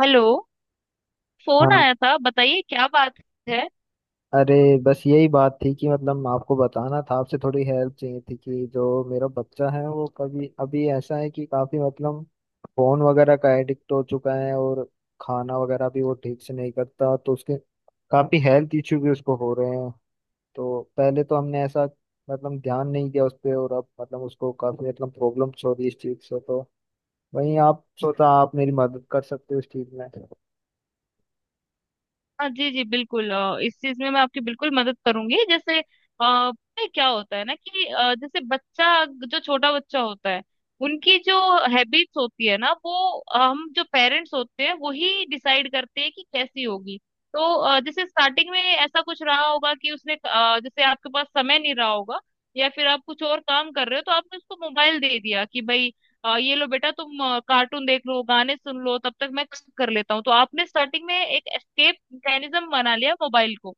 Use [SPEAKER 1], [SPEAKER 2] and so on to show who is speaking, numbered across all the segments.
[SPEAKER 1] Hello. Phone
[SPEAKER 2] हाँ।
[SPEAKER 1] आया था, बताइए क्या बात है।
[SPEAKER 2] अरे बस यही बात थी कि आपको बताना था, आपसे थोड़ी हेल्प चाहिए थी कि जो मेरा बच्चा है वो कभी अभी ऐसा है कि काफी फोन वगैरह का एडिक्ट हो चुका है, और खाना वगैरह भी वो ठीक से नहीं करता, तो उसके काफी हेल्थ इश्यू भी उसको हो रहे हैं। तो पहले तो हमने ऐसा ध्यान नहीं दिया उस पर, और अब उसको काफी प्रॉब्लम्स हो रही है इस चीज से। तो वहीं आप सोचा आप मेरी मदद कर सकते हो इस चीज में।
[SPEAKER 1] हाँ जी जी, बिल्कुल इस चीज में मैं आपकी बिल्कुल मदद करूंगी। जैसे पता है क्या होता है ना कि जैसे बच्चा जो छोटा बच्चा होता है, उनकी जो हैबिट्स होती है ना, वो हम जो पेरेंट्स होते हैं वही डिसाइड करते हैं कि कैसी होगी। तो जैसे स्टार्टिंग में ऐसा कुछ रहा होगा कि उसने जैसे आपके पास समय नहीं रहा होगा, या फिर आप कुछ और काम कर रहे हो तो आपने उसको मोबाइल दे दिया कि भाई ये लो बेटा, तुम कार्टून देख लो, गाने सुन लो, तब तक मैं काम कर लेता हूँ। तो आपने स्टार्टिंग में एक एस्केप मैकेनिज्म बना लिया मोबाइल को।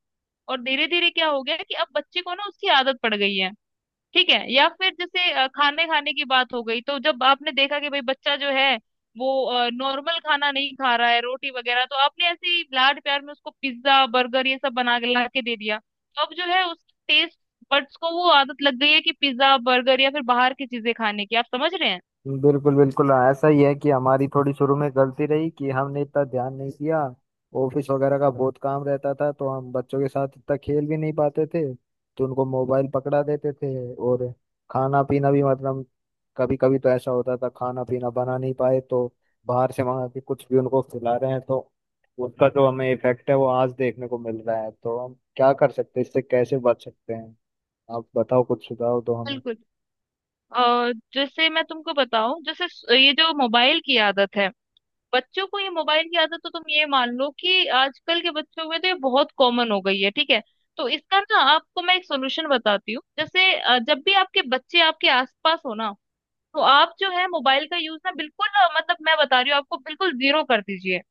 [SPEAKER 1] और धीरे धीरे क्या हो गया कि अब बच्चे को ना उसकी आदत पड़ गई है। ठीक है। या फिर जैसे खाने खाने की बात हो गई, तो जब आपने देखा कि भाई बच्चा जो है वो नॉर्मल खाना नहीं खा रहा है, रोटी वगैरह, तो आपने ऐसे ही लाड प्यार में उसको पिज्जा बर्गर ये सब बना के ला के दे दिया, तो अब जो है उसका टेस्ट बड्स को वो आदत लग गई है कि पिज्जा बर्गर या फिर बाहर की चीजें खाने की। आप समझ रहे हैं?
[SPEAKER 2] बिल्कुल बिल्कुल हाँ, ऐसा ही है कि हमारी थोड़ी शुरू में गलती रही कि हमने इतना ध्यान नहीं दिया। ऑफिस वगैरह का बहुत काम रहता था, तो हम बच्चों के साथ इतना खेल भी नहीं पाते थे तो उनको मोबाइल पकड़ा देते थे। और खाना पीना भी कभी कभी तो ऐसा होता था खाना पीना बना नहीं पाए तो बाहर से मंगा के कुछ भी उनको खिला रहे हैं। तो उसका जो हमें इफेक्ट है वो आज देखने को मिल रहा है। तो हम क्या कर सकते हैं, इससे कैसे बच सकते हैं? आप बताओ, कुछ सुझाव दो हमें।
[SPEAKER 1] बिल्कुल। जैसे मैं तुमको बताऊं, जैसे ये जो मोबाइल की आदत है बच्चों को, ये मोबाइल की आदत तो तुम ये मान लो कि आजकल के बच्चों में तो ये बहुत कॉमन हो गई है। ठीक है। तो इसका ना आपको मैं एक सोल्यूशन बताती हूँ। जैसे जब भी आपके बच्चे आपके आसपास हो ना, तो आप जो है मोबाइल का यूज ना बिल्कुल, मतलब मैं बता रही हूँ आपको, बिल्कुल जीरो कर दीजिए।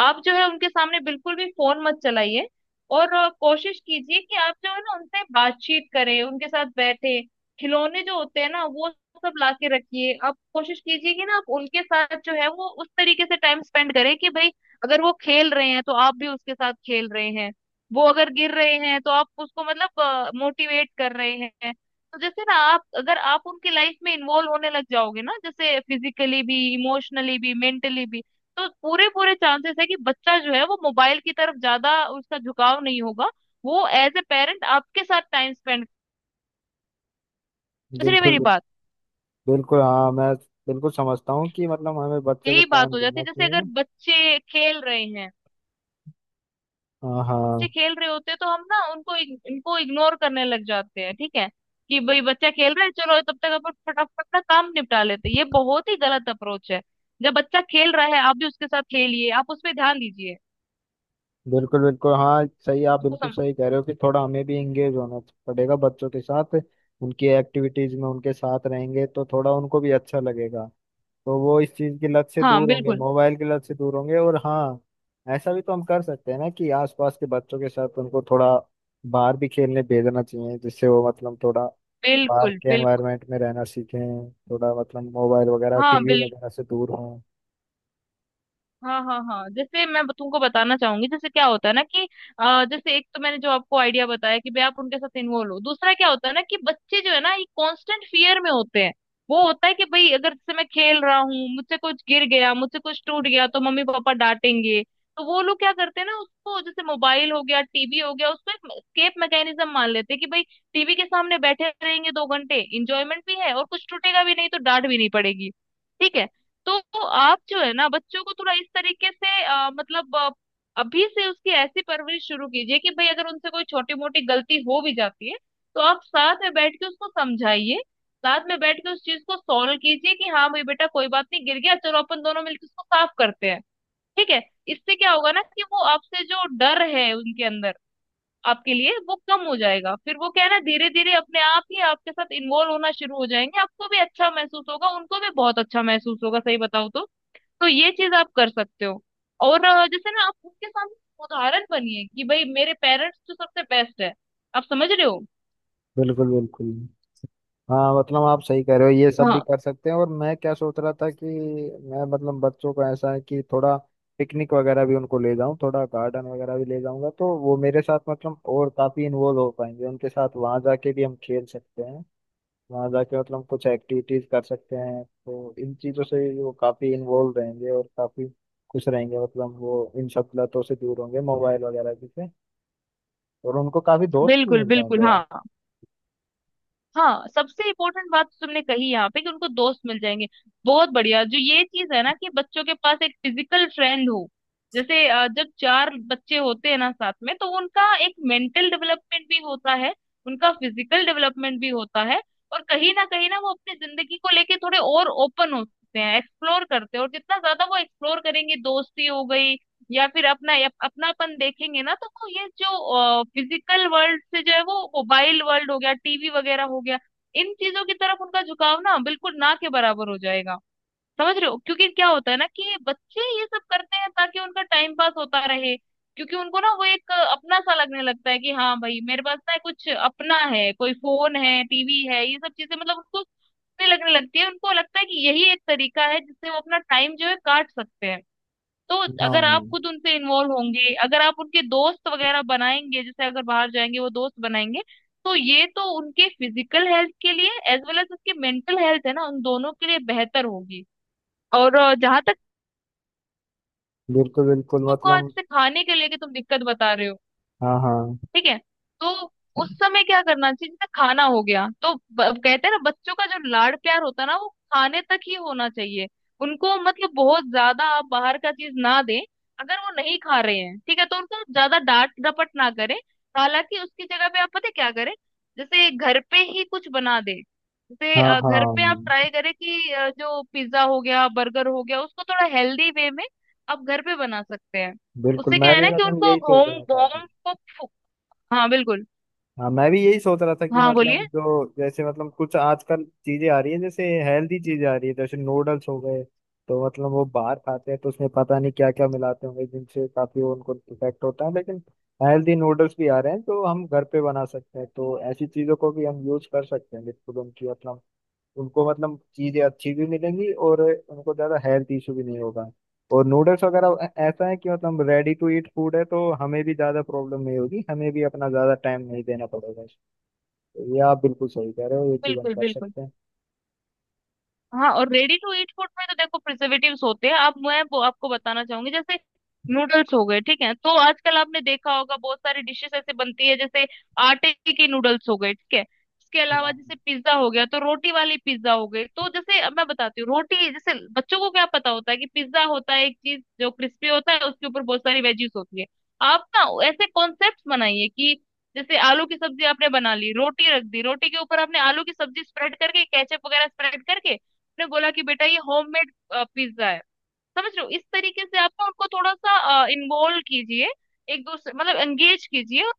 [SPEAKER 1] आप जो है उनके सामने बिल्कुल भी फोन मत चलाइए। और कोशिश कीजिए कि आप जो है ना उनसे बातचीत करें, उनके साथ बैठे। खिलौने जो होते हैं ना, वो सब लाके रखिए। आप कोशिश कीजिए कि ना आप उनके साथ जो है वो उस तरीके से टाइम स्पेंड करें कि भाई अगर वो खेल रहे हैं तो आप भी उसके साथ खेल रहे हैं, वो अगर गिर रहे हैं तो आप उसको मतलब मोटिवेट कर रहे हैं। तो जैसे ना आप अगर आप उनकी लाइफ में इन्वॉल्व होने लग जाओगे ना, जैसे फिजिकली भी, इमोशनली भी, मेंटली भी, तो पूरे पूरे चांसेस है कि बच्चा जो है वो मोबाइल की तरफ ज्यादा, उसका झुकाव नहीं होगा। वो एज ए पेरेंट आपके साथ टाइम स्पेंड, इसलिए
[SPEAKER 2] बिल्कुल
[SPEAKER 1] मेरी बात
[SPEAKER 2] बिल्कुल हाँ, मैं बिल्कुल समझता हूँ कि हमें बच्चे को
[SPEAKER 1] यही बात
[SPEAKER 2] टाइम
[SPEAKER 1] हो जाती
[SPEAKER 2] देना
[SPEAKER 1] है। जैसे अगर
[SPEAKER 2] चाहिए। हाँ हाँ।
[SPEAKER 1] बच्चे खेल रहे होते हैं तो हम ना उनको इनको इग्नोर करने लग जाते हैं। ठीक है, कि भाई बच्चा खेल रहा है, चलो तब तक अपन फटाफट ना काम निपटा लेते हैं। ये बहुत ही गलत अप्रोच है। जब बच्चा खेल रहा है, आप भी उसके साथ खेलिए, आप उस पर ध्यान दीजिए।
[SPEAKER 2] बिल्कुल बिल्कुल हाँ, सही, आप
[SPEAKER 1] उसको
[SPEAKER 2] बिल्कुल
[SPEAKER 1] सम...
[SPEAKER 2] सही कह रहे हो कि थोड़ा हमें भी इंगेज होना पड़ेगा बच्चों के साथ। उनकी एक्टिविटीज में उनके साथ रहेंगे तो थोड़ा उनको भी अच्छा लगेगा, तो वो इस चीज की लत से
[SPEAKER 1] हाँ,
[SPEAKER 2] दूर होंगे,
[SPEAKER 1] बिल्कुल।
[SPEAKER 2] मोबाइल की लत से दूर होंगे। और हाँ, ऐसा भी तो हम कर सकते हैं ना कि आसपास के बच्चों के साथ उनको थोड़ा बाहर भी खेलने भेजना चाहिए, जिससे वो थोड़ा बाहर
[SPEAKER 1] बिल्कुल
[SPEAKER 2] के
[SPEAKER 1] बिल्कुल।
[SPEAKER 2] एनवायरनमेंट में रहना सीखें, थोड़ा मोबाइल वगैरह
[SPEAKER 1] हाँ
[SPEAKER 2] टीवी
[SPEAKER 1] बिल्कुल।
[SPEAKER 2] वगैरह से दूर हों।
[SPEAKER 1] हाँ हाँ हाँ, जैसे मैं तुमको बताना चाहूंगी, जैसे क्या होता है ना कि जैसे एक तो मैंने जो आपको आइडिया बताया कि भाई आप उनके साथ इन्वॉल्व हो, दूसरा क्या होता है ना कि बच्चे जो है ना ये कांस्टेंट फियर में होते हैं। वो होता है कि भाई अगर जैसे मैं खेल रहा हूँ, मुझसे कुछ गिर गया, मुझसे कुछ टूट गया, तो मम्मी पापा डांटेंगे। तो वो लोग क्या करते हैं ना, उसको जैसे मोबाइल हो गया, टीवी हो गया, उसको एक स्केप मैकेनिज्म मान लेते हैं कि भाई टीवी के सामने बैठे रहेंगे 2 घंटे, इंजॉयमेंट भी है और कुछ टूटेगा भी नहीं, तो डांट भी नहीं पड़ेगी। ठीक है। तो आप जो है ना बच्चों को थोड़ा इस तरीके से, मतलब अभी से उसकी ऐसी परवरिश शुरू कीजिए कि भाई अगर उनसे कोई छोटी मोटी गलती हो भी जाती है, तो आप साथ में बैठ के उसको समझाइए, साथ में बैठ के उस चीज को सॉल्व कीजिए कि हाँ भाई बेटा कोई बात नहीं, गिर गया, चलो अपन दोनों मिलकर उसको साफ करते हैं। ठीक है। इससे क्या होगा ना कि वो आपसे जो डर है उनके अंदर, आपके लिए वो कम हो जाएगा। फिर वो क्या है ना, धीरे धीरे अपने आप ही आपके साथ इन्वॉल्व होना शुरू हो जाएंगे, आपको भी अच्छा महसूस होगा, उनको भी बहुत अच्छा महसूस होगा। सही बताओ? तो ये चीज आप कर सकते हो। और जैसे ना आप उनके सामने उदाहरण बनिए कि भाई मेरे पेरेंट्स तो सबसे बेस्ट है। आप समझ रहे हो?
[SPEAKER 2] बिल्कुल बिल्कुल हाँ, आप सही कह रहे हो, ये सब भी
[SPEAKER 1] हाँ
[SPEAKER 2] कर सकते हैं। और मैं क्या सोच रहा था कि मैं बच्चों को ऐसा है कि थोड़ा पिकनिक वगैरह भी उनको ले जाऊं, थोड़ा गार्डन वगैरह भी ले जाऊंगा, तो वो मेरे साथ और काफी इन्वॉल्व हो पाएंगे। उनके साथ वहां जाके भी हम खेल सकते हैं, वहाँ जाके कुछ एक्टिविटीज कर सकते हैं, तो इन चीजों से वो काफी इन्वॉल्व रहेंगे और काफी खुश रहेंगे। वो इन सब लतों से दूर होंगे, मोबाइल वगैरह की से। और उनको काफी दोस्त भी
[SPEAKER 1] बिल्कुल
[SPEAKER 2] मिल
[SPEAKER 1] बिल्कुल।
[SPEAKER 2] जाएंगे वहाँ।
[SPEAKER 1] हाँ हाँ, सबसे इम्पोर्टेंट बात तो तुमने कही यहाँ पे कि उनको दोस्त मिल जाएंगे। बहुत बढ़िया। जो ये चीज है ना कि बच्चों के पास एक फिजिकल फ्रेंड हो, जैसे जब चार बच्चे होते हैं ना साथ में, तो उनका एक मेंटल डेवलपमेंट भी होता है, उनका फिजिकल डेवलपमेंट भी होता है। और कहीं ना वो अपनी जिंदगी को लेके थोड़े और ओपन होते हैं, एक्सप्लोर करते हैं। और जितना ज्यादा वो एक्सप्लोर करेंगे, दोस्ती हो गई या फिर अपना अपनापन देखेंगे ना, तो वो ये जो फिजिकल वर्ल्ड से जो है वो मोबाइल वर्ल्ड हो गया, टीवी वगैरह हो गया, इन चीजों की तरफ उनका झुकाव ना बिल्कुल ना के बराबर हो जाएगा। समझ रहे हो? क्योंकि क्या होता है ना कि बच्चे ये सब करते हैं ताकि उनका टाइम पास होता रहे। क्योंकि उनको ना वो एक अपना सा लगने लगता है कि हाँ भाई मेरे पास ना कुछ अपना है, कोई फोन है, टीवी है, ये सब चीजें मतलब उनको लगने लगती है, उनको लगता है कि यही एक तरीका है जिससे वो अपना टाइम जो है काट सकते हैं। तो अगर आप
[SPEAKER 2] हाँ
[SPEAKER 1] खुद उनसे इन्वॉल्व होंगे, अगर आप उनके दोस्त वगैरह बनाएंगे, जैसे अगर बाहर जाएंगे वो दोस्त बनाएंगे, तो ये तो उनके फिजिकल हेल्थ के लिए एज वेल एज उसकी मेंटल हेल्थ है ना, उन दोनों के लिए बेहतर होगी। और जहाँ तक
[SPEAKER 2] बिल्कुल बिल्कुल
[SPEAKER 1] आपको जैसे खाने के लेके तुम दिक्कत बता रहे हो,
[SPEAKER 2] हाँ हाँ
[SPEAKER 1] ठीक है, तो उस समय क्या करना चाहिए। जैसे खाना हो गया, तो कहते हैं ना बच्चों का जो लाड़ प्यार होता है ना वो खाने तक ही होना चाहिए। उनको मतलब बहुत ज्यादा आप बाहर का चीज ना दें। अगर वो नहीं खा रहे हैं, ठीक है, तो उनको ज्यादा डांट डपट ना करें। हालांकि उसकी जगह पे आप पता है क्या करें, जैसे घर पे ही कुछ बना दें। जैसे
[SPEAKER 2] हाँ।
[SPEAKER 1] घर पे आप
[SPEAKER 2] हाँ
[SPEAKER 1] ट्राई करें कि जो पिज्जा हो गया बर्गर हो गया उसको थोड़ा हेल्दी वे में आप घर पे बना सकते हैं।
[SPEAKER 2] बिल्कुल,
[SPEAKER 1] उससे क्या
[SPEAKER 2] मैं
[SPEAKER 1] है
[SPEAKER 2] भी
[SPEAKER 1] ना कि उनको
[SPEAKER 2] यही सोच
[SPEAKER 1] होम
[SPEAKER 2] रहा था।
[SPEAKER 1] होम हाँ बिल्कुल।
[SPEAKER 2] हाँ, मैं भी यही सोच रहा था कि
[SPEAKER 1] हाँ बोलिए।
[SPEAKER 2] जो जैसे कुछ आजकल चीजें आ रही है, जैसे हेल्दी चीजें आ रही है, जैसे नूडल्स हो गए। तो वो बाहर खाते हैं तो उसमें पता नहीं क्या क्या मिलाते होंगे जिनसे काफी वो उनको इफेक्ट होता है। लेकिन हेल्दी नूडल्स भी आ रहे हैं, तो हम घर पे बना सकते हैं, तो ऐसी चीजों को भी हम यूज कर सकते हैं। बिल्कुल उनकी उनको चीजें अच्छी भी मिलेंगी और उनको ज्यादा हेल्थ इशू भी नहीं होगा। और नूडल्स वगैरह ऐसा है कि रेडी टू ईट फूड है, तो हमें भी ज्यादा प्रॉब्लम नहीं होगी, हमें भी अपना ज्यादा टाइम नहीं देना पड़ेगा। तो ये आप बिल्कुल सही कह रहे हो, ये चीज हम
[SPEAKER 1] बिल्कुल
[SPEAKER 2] कर
[SPEAKER 1] बिल्कुल,
[SPEAKER 2] सकते हैं।
[SPEAKER 1] हाँ। और रेडी टू ईट फूड में तो देखो प्रिजर्वेटिव्स होते हैं। आप मैं वो आपको बताना चाहूंगी, जैसे नूडल्स हो गए। ठीक है, तो आजकल आपने देखा होगा बहुत सारी डिशेस ऐसे बनती है, जैसे आटे के नूडल्स हो गए। ठीक है। इसके अलावा
[SPEAKER 2] हाँ
[SPEAKER 1] जैसे पिज्जा हो गया, तो रोटी वाली पिज्जा हो गई। तो जैसे अब मैं बताती हूँ, रोटी, जैसे बच्चों को क्या पता होता है कि पिज्जा होता है एक चीज जो क्रिस्पी होता है, उसके ऊपर बहुत सारी वेजीज होती है। आप ना ऐसे कॉन्सेप्ट बनाइए कि जैसे आलू की सब्जी आपने बना ली, रोटी रख दी, रोटी के ऊपर आपने आलू की सब्जी स्प्रेड करके, केचप वगैरह स्प्रेड करके, आपने बोला कि बेटा ये होममेड पिज्जा है। समझ रहे हो? इस तरीके से आप ना उनको थोड़ा सा इन्वॉल्व कीजिए, एक दूसरे मतलब एंगेज कीजिए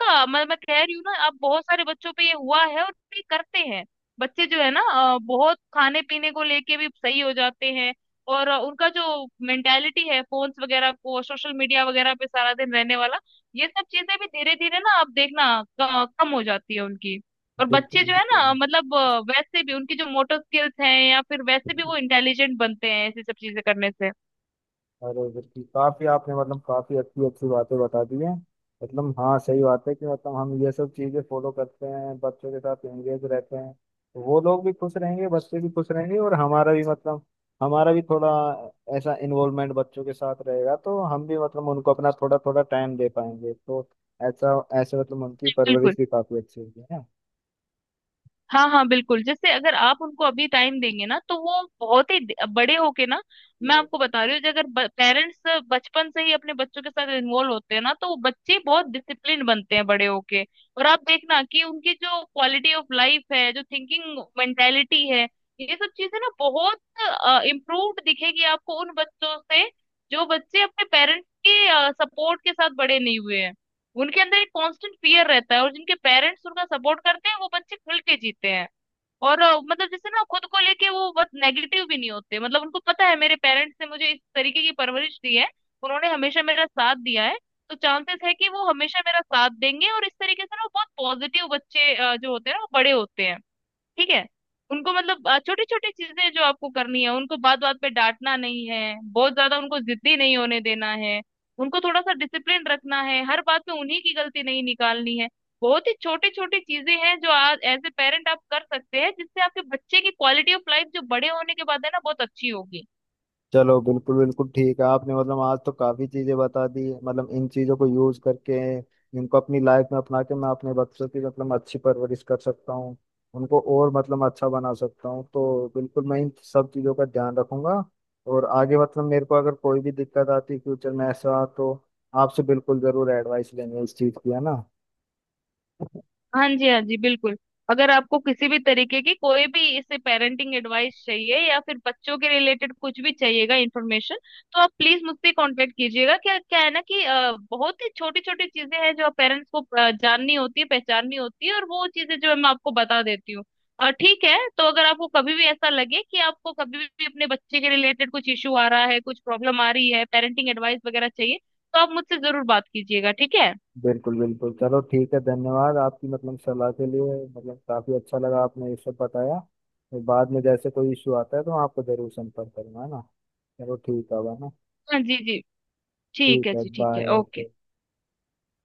[SPEAKER 1] का। मैं कह रही हूँ ना, अब बहुत सारे बच्चों पे ये हुआ है और ये करते हैं। बच्चे जो है ना, बहुत खाने पीने को लेके भी सही हो जाते हैं। और उनका जो मेंटेलिटी है फोन्स वगैरह को, सोशल मीडिया वगैरह पे सारा दिन रहने वाला, ये सब चीजें भी धीरे धीरे ना आप देखना कम हो जाती है उनकी। और
[SPEAKER 2] बिल्कुल
[SPEAKER 1] बच्चे जो है
[SPEAKER 2] बिल्कुल।
[SPEAKER 1] ना, मतलब वैसे भी उनकी जो मोटर स्किल्स हैं, या फिर वैसे भी वो इंटेलिजेंट बनते हैं ऐसी सब चीजें करने से।
[SPEAKER 2] अरे बिल्कुल, काफी आपने काफी अच्छी अच्छी बातें बता दी हैं। हाँ सही बात है कि हम ये सब चीजें फॉलो करते हैं, बच्चों के साथ एंगेज रहते हैं, तो वो लोग भी खुश रहेंगे, बच्चे भी खुश रहेंगे, और हमारा भी हमारा भी थोड़ा ऐसा इन्वॉल्वमेंट बच्चों के साथ रहेगा, तो हम भी उनको अपना थोड़ा थोड़ा टाइम दे पाएंगे, तो ऐसा ऐसे उनकी परवरिश
[SPEAKER 1] बिल्कुल।
[SPEAKER 2] भी काफी अच्छी होगी, है
[SPEAKER 1] हाँ हाँ, बिल्कुल। जैसे अगर आप उनको अभी टाइम देंगे ना, तो वो बहुत ही बड़े होके ना, मैं
[SPEAKER 2] ना।
[SPEAKER 1] आपको बता रही हूँ, जो अगर पेरेंट्स बचपन से ही अपने बच्चों के साथ इन्वॉल्व होते हैं ना, तो वो बच्चे बहुत डिसिप्लिन बनते हैं बड़े होके। और आप देखना कि उनकी जो क्वालिटी ऑफ लाइफ है, जो थिंकिंग मेंटेलिटी है, ये सब चीजें ना बहुत इम्प्रूव्ड दिखेगी आपको उन बच्चों से जो बच्चे अपने पेरेंट्स के सपोर्ट के साथ बड़े नहीं हुए हैं। उनके अंदर एक कांस्टेंट फियर रहता है। और जिनके पेरेंट्स उनका सपोर्ट करते हैं, वो बच्चे खुल के जीते हैं। और मतलब जैसे ना खुद को लेके वो बहुत नेगेटिव भी नहीं होते, मतलब उनको पता है मेरे पेरेंट्स ने मुझे इस तरीके की परवरिश दी है, उन्होंने हमेशा मेरा साथ दिया है, तो चांसेस है कि वो हमेशा मेरा साथ देंगे। और इस तरीके से ना वो बहुत पॉजिटिव बच्चे जो होते हैं ना वो बड़े होते हैं। ठीक है। उनको मतलब छोटी छोटी चीजें जो आपको करनी है, उनको बात बात पे डांटना नहीं है, बहुत ज्यादा उनको जिद्दी नहीं होने देना है, उनको थोड़ा सा डिसिप्लिन रखना है, हर बात में उन्हीं की गलती नहीं निकालनी है। बहुत ही छोटी छोटी चीजें हैं जो आज एज ए पेरेंट आप कर सकते हैं, जिससे आपके बच्चे की क्वालिटी ऑफ लाइफ जो बड़े होने के बाद है ना, बहुत अच्छी होगी।
[SPEAKER 2] चलो बिल्कुल बिल्कुल ठीक है, आपने आज तो काफी चीजें बता दी। इन चीजों को यूज करके, इनको अपनी लाइफ में अपना के, मैं अपने बच्चों की अच्छी परवरिश कर सकता हूँ, उनको और अच्छा बना सकता हूँ। तो बिल्कुल मैं इन सब चीजों का ध्यान रखूंगा। और आगे मेरे को अगर कोई भी दिक्कत आती फ्यूचर में ऐसा, तो आपसे बिल्कुल जरूर एडवाइस लेंगे इस चीज की, है ना।
[SPEAKER 1] हाँ जी हाँ जी, बिल्कुल। अगर आपको किसी भी तरीके की कोई भी इससे पेरेंटिंग एडवाइस चाहिए, या फिर बच्चों के रिलेटेड कुछ भी चाहिएगा इन्फॉर्मेशन, तो आप प्लीज मुझसे कांटेक्ट कीजिएगा। क्या क्या है ना कि बहुत ही छोटी छोटी चीजें हैं जो पेरेंट्स को जाननी होती है, पहचाननी होती है, और वो चीजें जो है मैं आपको बता देती हूँ। ठीक है, तो अगर आपको कभी भी ऐसा लगे कि आपको कभी भी अपने बच्चे के रिलेटेड कुछ इशू आ रहा है, कुछ प्रॉब्लम आ रही है, पेरेंटिंग एडवाइस वगैरह चाहिए, तो आप मुझसे जरूर बात कीजिएगा। ठीक है।
[SPEAKER 2] बिल्कुल बिल्कुल, चलो ठीक है। धन्यवाद आपकी सलाह के लिए, काफी अच्छा लगा आपने ये सब बताया। और बाद में जैसे कोई इशू आता है तो मैं आपको जरूर संपर्क करूंगा, है ना। चलो ठीक है अब, है ना।
[SPEAKER 1] हाँ जी जी। ठीक
[SPEAKER 2] ठीक
[SPEAKER 1] है
[SPEAKER 2] है,
[SPEAKER 1] जी। ठीक है।
[SPEAKER 2] Bye,
[SPEAKER 1] okay.
[SPEAKER 2] ओके।